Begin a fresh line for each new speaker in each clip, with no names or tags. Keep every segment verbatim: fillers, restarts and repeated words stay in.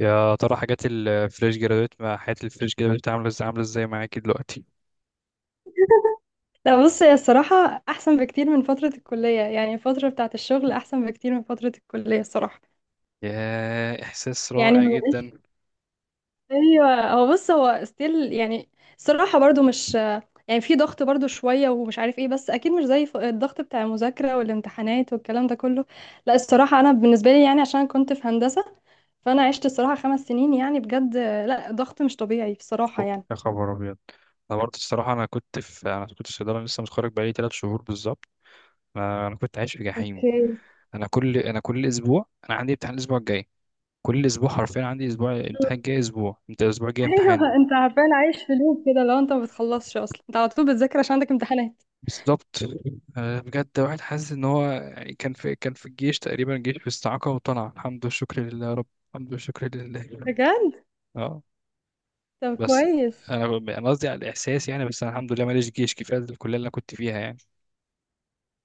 يا ترى حاجات الفريش جرادويت مع حياة الفريش جرادويت عاملة ازاي عاملة ازاي معاكي دلوقتي؟
لا، بص هي الصراحة أحسن بكتير من فترة الكلية. يعني الفترة بتاعة الشغل أحسن بكتير من فترة الكلية الصراحة.
يا إحساس
يعني
رائع
هو مش،
جدا
أيوة هو بص هو ستيل يعني. الصراحة برضو مش، يعني في ضغط برضو شوية ومش عارف ايه، بس أكيد مش زي ف- الضغط بتاع المذاكرة والامتحانات والكلام ده كله. لا الصراحة أنا بالنسبة لي يعني عشان كنت في هندسة، فأنا عشت الصراحة خمس سنين يعني بجد، لا ضغط مش طبيعي بصراحة
فوق.
يعني.
يا خبر أبيض. أنا برضه الصراحة أنا كنت في أنا كنت في صيدلة، لسه متخرج بقالي تلات شهور بالظبط. أنا أنا كنت عايش في جحيم.
اوكي.
أنا كل أنا كل أسبوع أنا عندي امتحان الأسبوع الجاي. كل أسبوع حرفيا عندي أسبوع امتحان جاي أسبوع، أنت الأسبوع الجاي
ايوه
امتحان.
انت عارفين عايش في لوب كده، لو انت ما بتخلصش اصلا انت على طول بتذاكر عشان عندك امتحانات.
بالظبط. آه، بجد واحد حاسس إن هو يعني كان في كان في الجيش تقريبا، جيش في استعاقة وطلع. الحمد والشكر لله يا رب. الحمد والشكر لله.
بجد.
اه،
طب
بس
كويس.
انا ب- انا قصدي على الاحساس يعني، بس انا الحمد لله ماليش جيش، كفايه الكليه اللي انا كنت فيها يعني.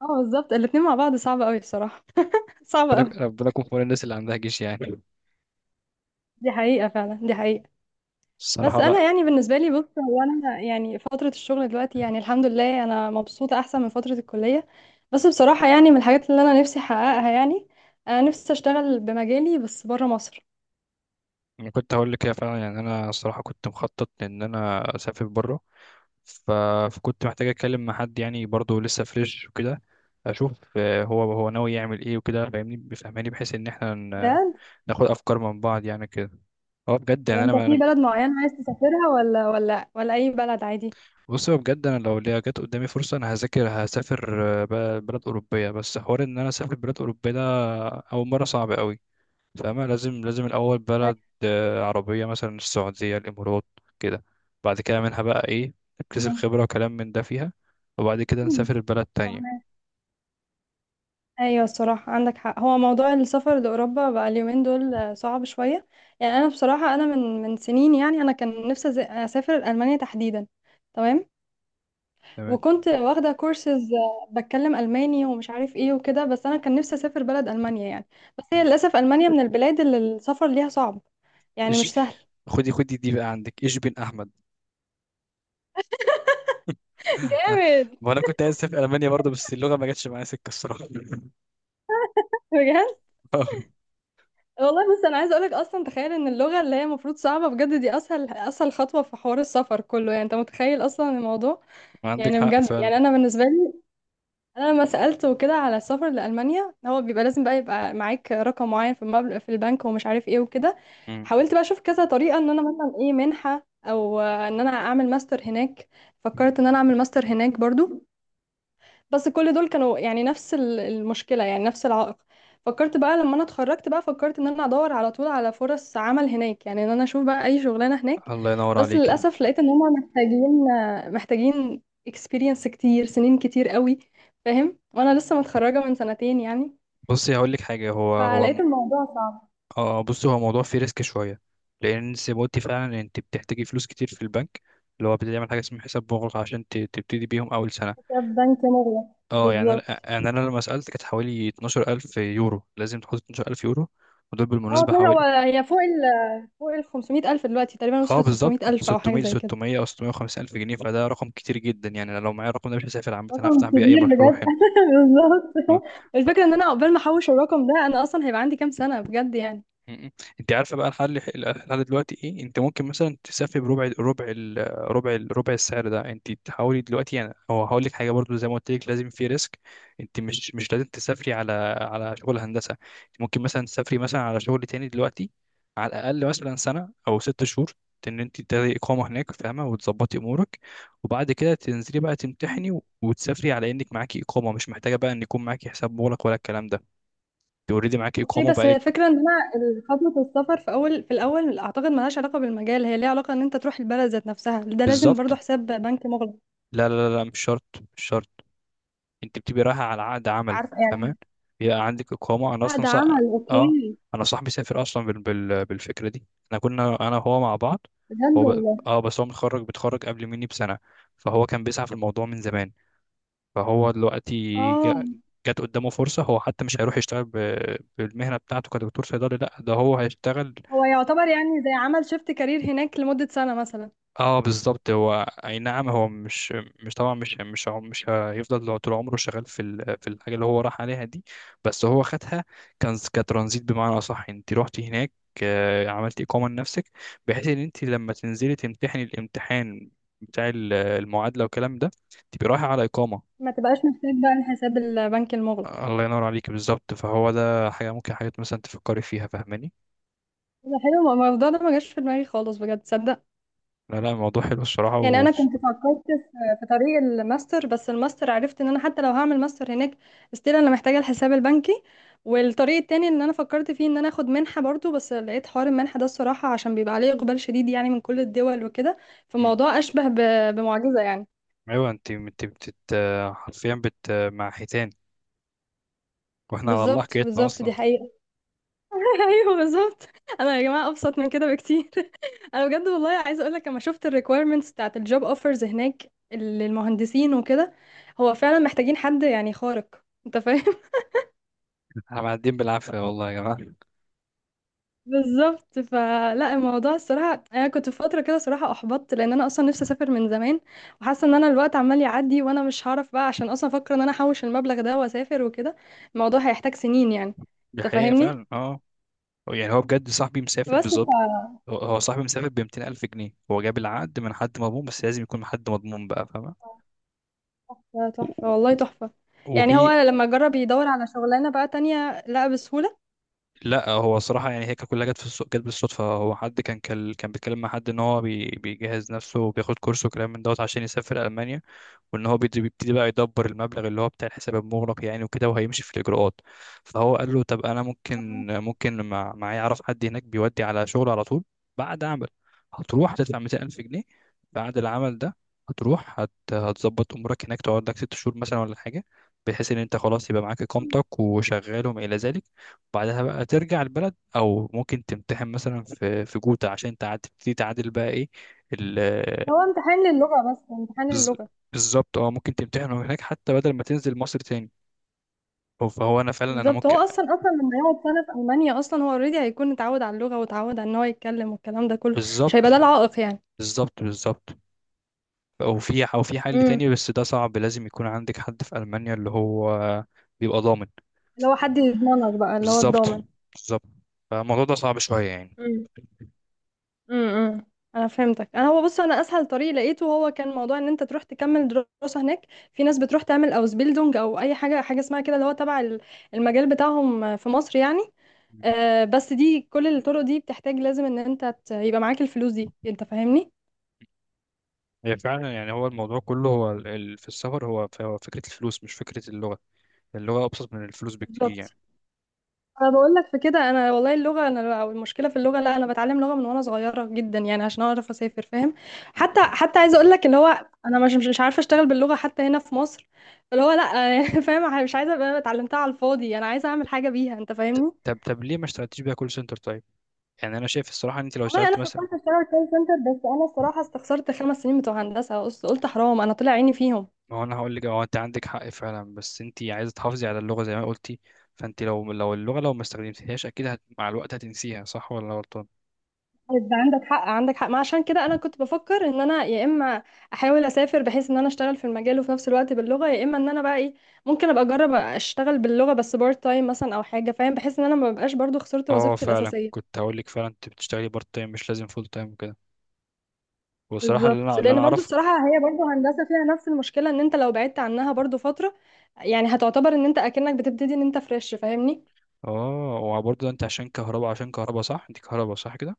اه بالظبط الاتنين مع بعض صعب قوي بصراحة. صعب قوي.
بالك- ربنا يكون في عون الناس اللي عندها جيش يعني.
دي حقيقة فعلا، دي حقيقة. بس
الصراحه
انا
بقى.
يعني بالنسبة لي، بص هو انا يعني فترة الشغل دلوقتي يعني الحمد لله انا مبسوطة احسن من فترة الكلية. بس بصراحة يعني من الحاجات اللي انا نفسي احققها يعني، انا نفسي اشتغل بمجالي بس بره مصر.
انا كنت هقول لك كده فعلا، يعني انا الصراحه كنت مخطط ان انا اسافر بره. ف... فكنت محتاج اتكلم مع حد يعني، برضه لسه فريش وكده. اشوف آه، هو هو ناوي يعمل ايه وكده، فاهمني بيفهمني بحيث ان احنا ن-
بجد.
ناخد افكار من بعض يعني كده. هو بجد
طب
يعني
انت في
انا.
بلد معين عايز تسافرها ولا ولا ولا اي بلد عادي؟
بص، هو بجد انا لو ليا جت قدامي فرصه انا هذاكر هسافر آه، ب- بلد اوروبيه. بس حوار ان انا اسافر بلد اوروبيه ده اول مره صعب قوي. فاهمة؟ لازم لازم الاول بلد آه، عربيه، مثلا السعوديه، الامارات كده. بعد كده منها بقى ايه، اكتسب خبره وكلام من ده فيها، وبعد كده
أيوة.
نسافر البلد تانية.
ايوه الصراحه عندك حق، هو موضوع السفر لاوروبا بقى اليومين دول آه، صعب شويه. يعني انا بصراحه انا من من سنين يعني انا كان نفسي أز- اسافر المانيا تحديدا. تمام.
تمام.
وكنت واخده كورسز بتكلم الماني ومش عارف ايه وكده، بس انا كان نفسي اسافر بلد المانيا يعني. بس هي
مم.
للاسف المانيا من البلاد اللي السفر ليها صعب. يعني
إيش،
مش سهل.
خدي خدي دي بقى، عندك ايش بن احمد. آه،
جامد.
ما انا كنت عايز اسافر المانيا برضه، بس اللغه ما جاتش معايا سكه الصراحه.
بجد
آه،
والله. بس انا عايزه اقولك اصلا تخيل ان اللغه اللي هي المفروض صعبه بجد دي اسهل اسهل خطوه في حوار السفر كله، يعني انت متخيل اصلا الموضوع.
عندك
يعني
حق
بجد،
فعلا.
يعني انا بالنسبه لي انا لما سالته كده على السفر لالمانيا، هو بيبقى لازم بقى يبقى معاك رقم معين في المبلغ في البنك ومش عارف ايه وكده.
مم.
حاولت بقى اشوف كذا طريقه ان انا مثلا ايه منحه او آه، ان انا اعمل ماستر هناك. فكرت ان انا اعمل ماستر هناك برضو، بس كل دول كانوا يعني نفس ال- المشكلة، يعني نفس العائق. فكرت بقى لما انا اتخرجت بقى فكرت ان انا ادور على طول على فرص عمل هناك يعني، ان انا اشوف بقى اي شغلانة هناك.
الله ينور
بس
عليك.
للاسف لقيت ان هم محتاجين محتاجين experience كتير، سنين كتير قوي. فاهم، وانا لسه متخرجة من سنتين يعني.
بصي هقول لك حاجه. هو هو
فلقيت الموضوع صعب.
اه، بصي، هو موضوع فيه ريسك شويه، لان زي ما قلتي فعلا انت بتحتاجي فلوس كتير في البنك، اللي هو بتعمل حاجه اسمها حساب مغلق عشان ت- تبتدي بيهم اول سنه.
حساب بنك مغلق.
اه، يعني
بالظبط.
انا يعني انا لما سالت كانت حوالي اثنا عشر ألف يورو، لازم تحط اتناشر ألف يورو، ودول
اه
بالمناسبه
طلع هو
حوالي،
هي فوق ال فوق ال خمسمية ألف دلوقتي تقريبا،
اه
وصلت
بالظبط
ستمية ألف أو حاجة
ستمية،
زي كده.
ستمائة او ستمية وخمسين الف جنيه، فده رقم كتير جدا، يعني انا لو معايا الرقم ده مش هسافر عامه، هفتح
رقم
بيه اي
كبير
مشروع
بجد.
هنا. اه.
بالظبط. الفكره ان انا عقبال ما احوش الرقم ده انا اصلا هيبقى عندي كام سنه بجد يعني.
م- م. انت عارفه بقى الحل؟ الحل دلوقتي ايه؟ انت ممكن مثلا تسافر بربع ربع ال- ربع ال- ربع السعر ده، انت تحاولي دلوقتي يعني. هو هقول لك حاجه برضو، زي ما قلت لك لازم في ريسك. انت مش مش لازم تسافري على على شغل هندسه. انت ممكن مثلا تسافري مثلا على شغل تاني دلوقتي، على الاقل مثلا سنه او ست شهور، ان انت تاخدي اقامه هناك، فاهمه، وتظبطي امورك، وبعد كده تنزلي بقى تمتحني و- وتسافري على انك معاكي اقامه، مش محتاجه بقى ان يكون معاكي حساب مغلق ولا الكلام ده، اوريدي معاكي
اوكي.
اقامه
بس هي
بقالك.
الفكره ان انا ال- خطوه السفر في اول، في الاول اعتقد ملهاش علاقه بالمجال، هي ليها علاقه ان انت تروح البلد ذات نفسها ده لازم برضو
بالظبط.
حساب بنك مغلق.
لا، لا، لا، مش شرط. مش شرط. انت بتبقي رايحه على عقد عمل.
عارفه
تمام،
يعني.
بيبقى عندك اقامه. انا اصلا
عقد
صح...
عمل
اه،
اوكي.
انا صاحبي سافر اصلا بال... بال... بالفكره دي. احنا كنا انا وهو مع بعض.
بجد
هو ب...
والله.
اه بس هو متخرج بيتخرج قبل مني بسنه، فهو كان بيسعى في الموضوع من زمان. فهو دلوقتي
اه
جا... جات قدامه فرصه، هو حتى مش هيروح يشتغل ب... بالمهنه بتاعته كدكتور صيدلي، لا ده هو هيشتغل.
هو يعتبر يعني زي عمل شيفت كارير هناك لمده سنه مثلا.
اه، بالظبط. هو اي نعم، هو مش مش طبعا مش مش هو- مش هيفضل لو طول عمره شغال في ال- في الحاجه اللي هو راح عليها دي، بس هو خدها كان كترانزيت. بمعنى اصح، انت رحتي هناك، آه، عملتي اقامه لنفسك، بحيث ان انت لما تنزلي تمتحني الامتحان بتاع ال- المعادله والكلام ده، تبقي رايحه على اقامه.
ما تبقاش محتاج بقى الحساب البنك المغلق.
الله ينور عليك، بالظبط. فهو ده حاجه ممكن، حاجات مثلا تفكري فيها، فاهماني؟
ده حلو، ما- ما الموضوع ده ما جاش في دماغي خالص بجد تصدق.
لا، لا، الموضوع حلو الصراحه
يعني
و...
انا كنت فكرت في في طريق الماستر، بس الماستر عرفت ان انا حتى لو هعمل ماستر هناك استيل انا محتاجه الحساب البنكي. والطريق التاني ان انا فكرت فيه ان انا اخد منحه برضو، بس لقيت حوار المنحه ده الصراحه عشان بيبقى عليه اقبال شديد يعني من كل الدول وكده.
مم.
فالموضوع اشبه ب- بمعجزه يعني.
ايوه، انت انت بتت، حرفيا بت مع حيتان، واحنا على الله
بالظبط،
حكايتنا
بالظبط دي
اصلا.
حقيقه. ايوه بالظبط. انا يا جماعه ابسط من كده بكتير. انا بجد والله عايزه اقول لك لما شفت الريكويرمنتس بتاعت الجوب اوفرز هناك للمهندسين وكده، هو فعلا محتاجين حد يعني خارق، انت فاهم.
احنا معديين بالعافيه والله يا جماعه.
بالظبط. فلا الموضوع الصراحه انا كنت في فتره كده صراحه احبطت، لان انا اصلا نفسي اسافر من زمان. وحاسه ان انا الوقت عمال يعدي وانا مش هعرف بقى، عشان اصلا افكر ان انا احوش المبلغ ده واسافر وكده الموضوع هيحتاج سنين يعني.
دي
انت
حقيقه
فاهمني.
فعلا، اه. هو- يعني هو بجد صاحبي مسافر
بس
بالظبط.
ف-
هو هو صاحبي مسافر ب ميتين الف جنيه، هو جاب العقد من حد مضمون بس لازم يكون حد مضمون بقى، فاهمه؟
ده تحفه
و-
والله
و-
تحفه. يعني
وفي
هو لما جرب يدور على شغلانه بقى تانية لقى بسهوله.
لا، هو صراحه يعني هي كانت كلها جت في الص- جت بالصدفه. هو حد كان كان كان بيتكلم مع حد ان هو بي... بيجهز نفسه وبياخد كورس وكلام من دوت عشان يسافر المانيا، وان هو بيد- بيبتدي بقى يدبر المبلغ اللي هو بتاع الحساب المغلق يعني، وكده وهيمشي في الاجراءات. فهو قال له: طب انا ممكن ممكن مع- معايا اعرف حد هناك بيودي على شغل على طول، بعد عمل هتروح هتدفع ميتين ألف جنيه، بعد العمل ده هتروح هت... هتظبط امورك هناك، تقعد لك ست شهور مثلا ولا حاجه، بحيث ان انت خلاص يبقى معاك اقامتك وشغال وما الى ذلك، وبعدها بقى ترجع البلد، او ممكن تمتحن مثلا في في جوتا عشان تعد- تبتدي تعادل بقى ايه.
هو امتحان للغة، بس امتحان
بز...
للغة.
بالظبط. اه، ممكن تمتحنه هناك حتى بدل ما تنزل مصر تاني. هو- فهو انا فعلا انا
بالظبط، هو
ممكن.
اصلا اصلا لما يقعد سنة في ألمانيا اصلا هو اوريدي هيكون اتعود على اللغة واتعود على ان هو يتكلم والكلام ده كله. مش
بالظبط،
هيبقى ده العائق يعني.
بالظبط، بالظبط. او في او في حل
امم
تاني بس ده صعب، لازم يكون عندك حد في المانيا اللي هو بيبقى ضامن.
اللي هو حد يضمنك بقى، اللي هو
بالظبط،
الضامن.
بالظبط. فالموضوع ده صعب شويه يعني.
امم امم انا فهمتك. انا هو بص انا اسهل طريق لقيته هو كان موضوع ان انت تروح تكمل دراسه هناك. في ناس بتروح تعمل اوزبيلدونج او اي حاجه، حاجه اسمها كده اللي هو تبع ال- المجال بتاعهم في مصر يعني.
مم.
آه، بس دي كل الطرق دي بتحتاج لازم ان انت ت- يبقى معاك الفلوس دي، انت فاهمني.
هي فعلا يعني، هو الموضوع كله هو ال... ال- في السفر، هو ف- هو فكره الفلوس مش فكره اللغه، اللغه ابسط من الفلوس بكتير
بالظبط.
يعني.
انا بقول لك في كده انا والله اللغه انا، او المشكله في اللغه، لا انا بتعلم لغه من وانا صغيره جدا يعني عشان اعرف اسافر فاهم.
م-
حتى
م.
حتى عايزه اقول لك اللي هو انا مش مش مش عارفه اشتغل باللغه حتى هنا في مصر اللي هو لا. فاهم، مش عايزه ابقى اتعلمتها على الفاضي، انا عايزه اعمل حاجه بيها، انت
ط-
فاهمني.
طب طب ليه ما اشتغلتيش بيها كول سنتر طيب؟ يعني انا شايف الصراحه ان انت لو
والله
اشتغلت
انا
مثلا...
فكرت اشتغل كول سنتر، بس انا الصراحه استخسرت خمس سنين بتوع هندسه، قلت قلت حرام انا طلع عيني فيهم.
ما هو انا هقول لك، هو انت عندك حق فعلا، بس انت عايزه تحافظي على اللغه زي ما قلتي، فانت لو لو اللغه لو ما استخدمتيهاش اكيد هت... مع الوقت هتنسيها، صح ولا أنا غلطان؟
طيب، عندك حق عندك حق. ما عشان كده انا كنت بفكر ان انا يا اما احاول اسافر بحيث ان انا اشتغل في المجال وفي نفس الوقت باللغه، يا اما ان انا بقى ايه ممكن ابقى اجرب اشتغل باللغه بس بارت تايم مثلا او حاجه فاهم، بحيث ان انا ما ببقاش برضو خسرت
اه
وظيفتي
فعلا،
الاساسيه.
كنت هقول لك فعلا انت بتشتغلي بارت تايم مش لازم فول تايم وكده، والصراحه اللي
بالظبط،
انا اللي انا
لان برضو
اعرفه،
الصراحه هي برضو هندسه فيها نفس المشكله، ان انت لو بعدت عنها برضو فتره يعني هتعتبر ان انت اكنك بتبتدي ان انت فريش فاهمني.
اه، وبرضه انت عشان كهرباء عشان كهرباء صح؟ انت كهرباء صح كده؟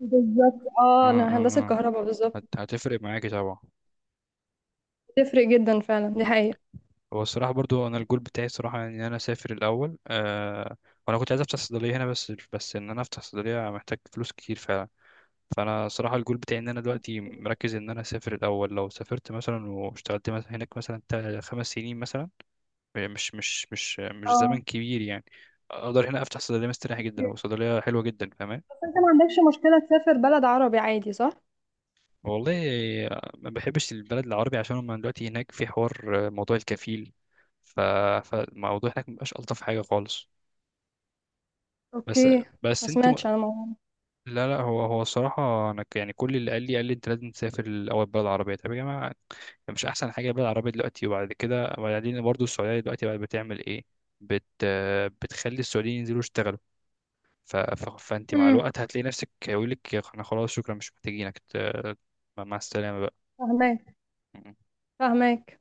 بالظبط، اه
اه،
انا
اه،
هندسه
اه.
كهرباء بالظبط.
هت... هتفرق معاكي طبعا.
بتفرق جدا فعلا، دي
مم.
حقيقه.
هو الصراحة برضو أنا الجول بتاعي الصراحة إن أنا أسافر الأول، أه. وأنا كنت عايز أفتح صيدلية هنا، بس بس إن أنا أفتح صيدلية محتاج فلوس كتير فعلا. فانا صراحه الجول بتاعي ان انا دلوقتي مركز ان انا اسافر الاول. لو سافرت مثلا واشتغلت مث- هناك مثلا تا- خمس سنين مثلا، مش مش مش مش زمن
اه
كبير يعني، اقدر هنا افتح صيدليه مستريح جدا، وصيدليه حلوه جدا، فاهمان؟
انت ما عندكش مشكلة تسافر بلد عربي عادي صح؟
والله ما بحبش البلد العربي، عشان هم دلوقتي هناك في حوار موضوع الكفيل. ف... فالموضوع هناك مبقاش الطف حاجه خالص. بس
اوكي. ما
بس انت...
سمعتش انا الموضوع.
لا، لا، هو هو الصراحة أنا ك- يعني كل اللي قال لي قال لي أنت لازم تسافر الأول بلد عربية، طب يا جماعة، مش أحسن حاجة البلد العربية دلوقتي؟ وبعد كده وبعدين برضه السعودية دلوقتي بقت بتعمل إيه؟ بت بتخلي السعوديين ينزلوا يشتغلوا، ف... ف... فأنت مع
امم
الوقت هتلاقي نفسك يقول لك إحنا خلاص شكرا مش محتاجينك، ت- مع السلامة بقى.
فهماك، فهماك.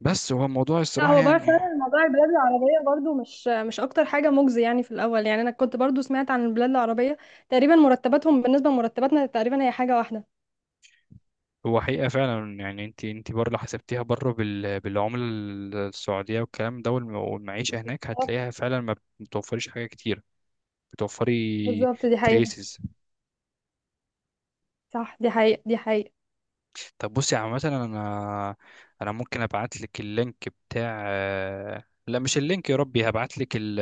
بس هو الموضوع
لا
الصراحة
هو بقى
يعني،
فعلا موضوع البلاد العربية برضو مش مش أكتر حاجة مجزي يعني في الأول، يعني أنا كنت برضو سمعت عن البلاد العربية تقريبا مرتباتهم بالنسبة لمرتباتنا تقريبا هي حاجة واحدة.
هو حقيقة فعلا يعني، انت انت بره لو حسبتيها بره بال... بالعملة السعودية والكلام ده والم- والمعيشة هناك
آه،
هتلاقيها فعلا ما بتوفرش حاجة كتير، بتوفري
بالظبط دي حقيقة.
تريسز.
صح دي حقيقة، دي حقيقة.
طب بصي، عامة انا انا ممكن ابعت لك اللينك بتاع... لا، مش اللينك، يا ربي هبعت لك ال...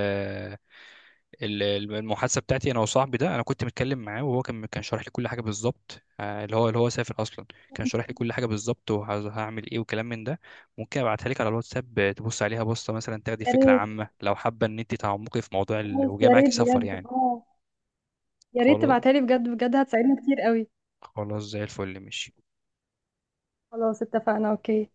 ال- المحادثة بتاعتي انا وصاحبي ده، انا كنت متكلم معاه وهو كان كان شارح لي كل حاجة بالظبط، آه، اللي هو اللي هو سافر اصلا، كان شارح لي كل حاجة بالظبط وهعمل ايه وكلام من ده، ممكن ابعتها لك على الواتساب، آه، تبص عليها بصة مثلا، تاخدي
يا
فكرة
ريت.
عامة لو حابة ان انت تعمقي في موضوع ال...
خلاص،
وجاي
يا
معاكي
ريت
سفر
بجد
يعني.
اه. يا ريت
خلاص،
تبعتها لي بجد، بجد هتساعدني كتير قوي.
خلاص زي الفل، ماشي.
خلاص اتفقنا اوكي.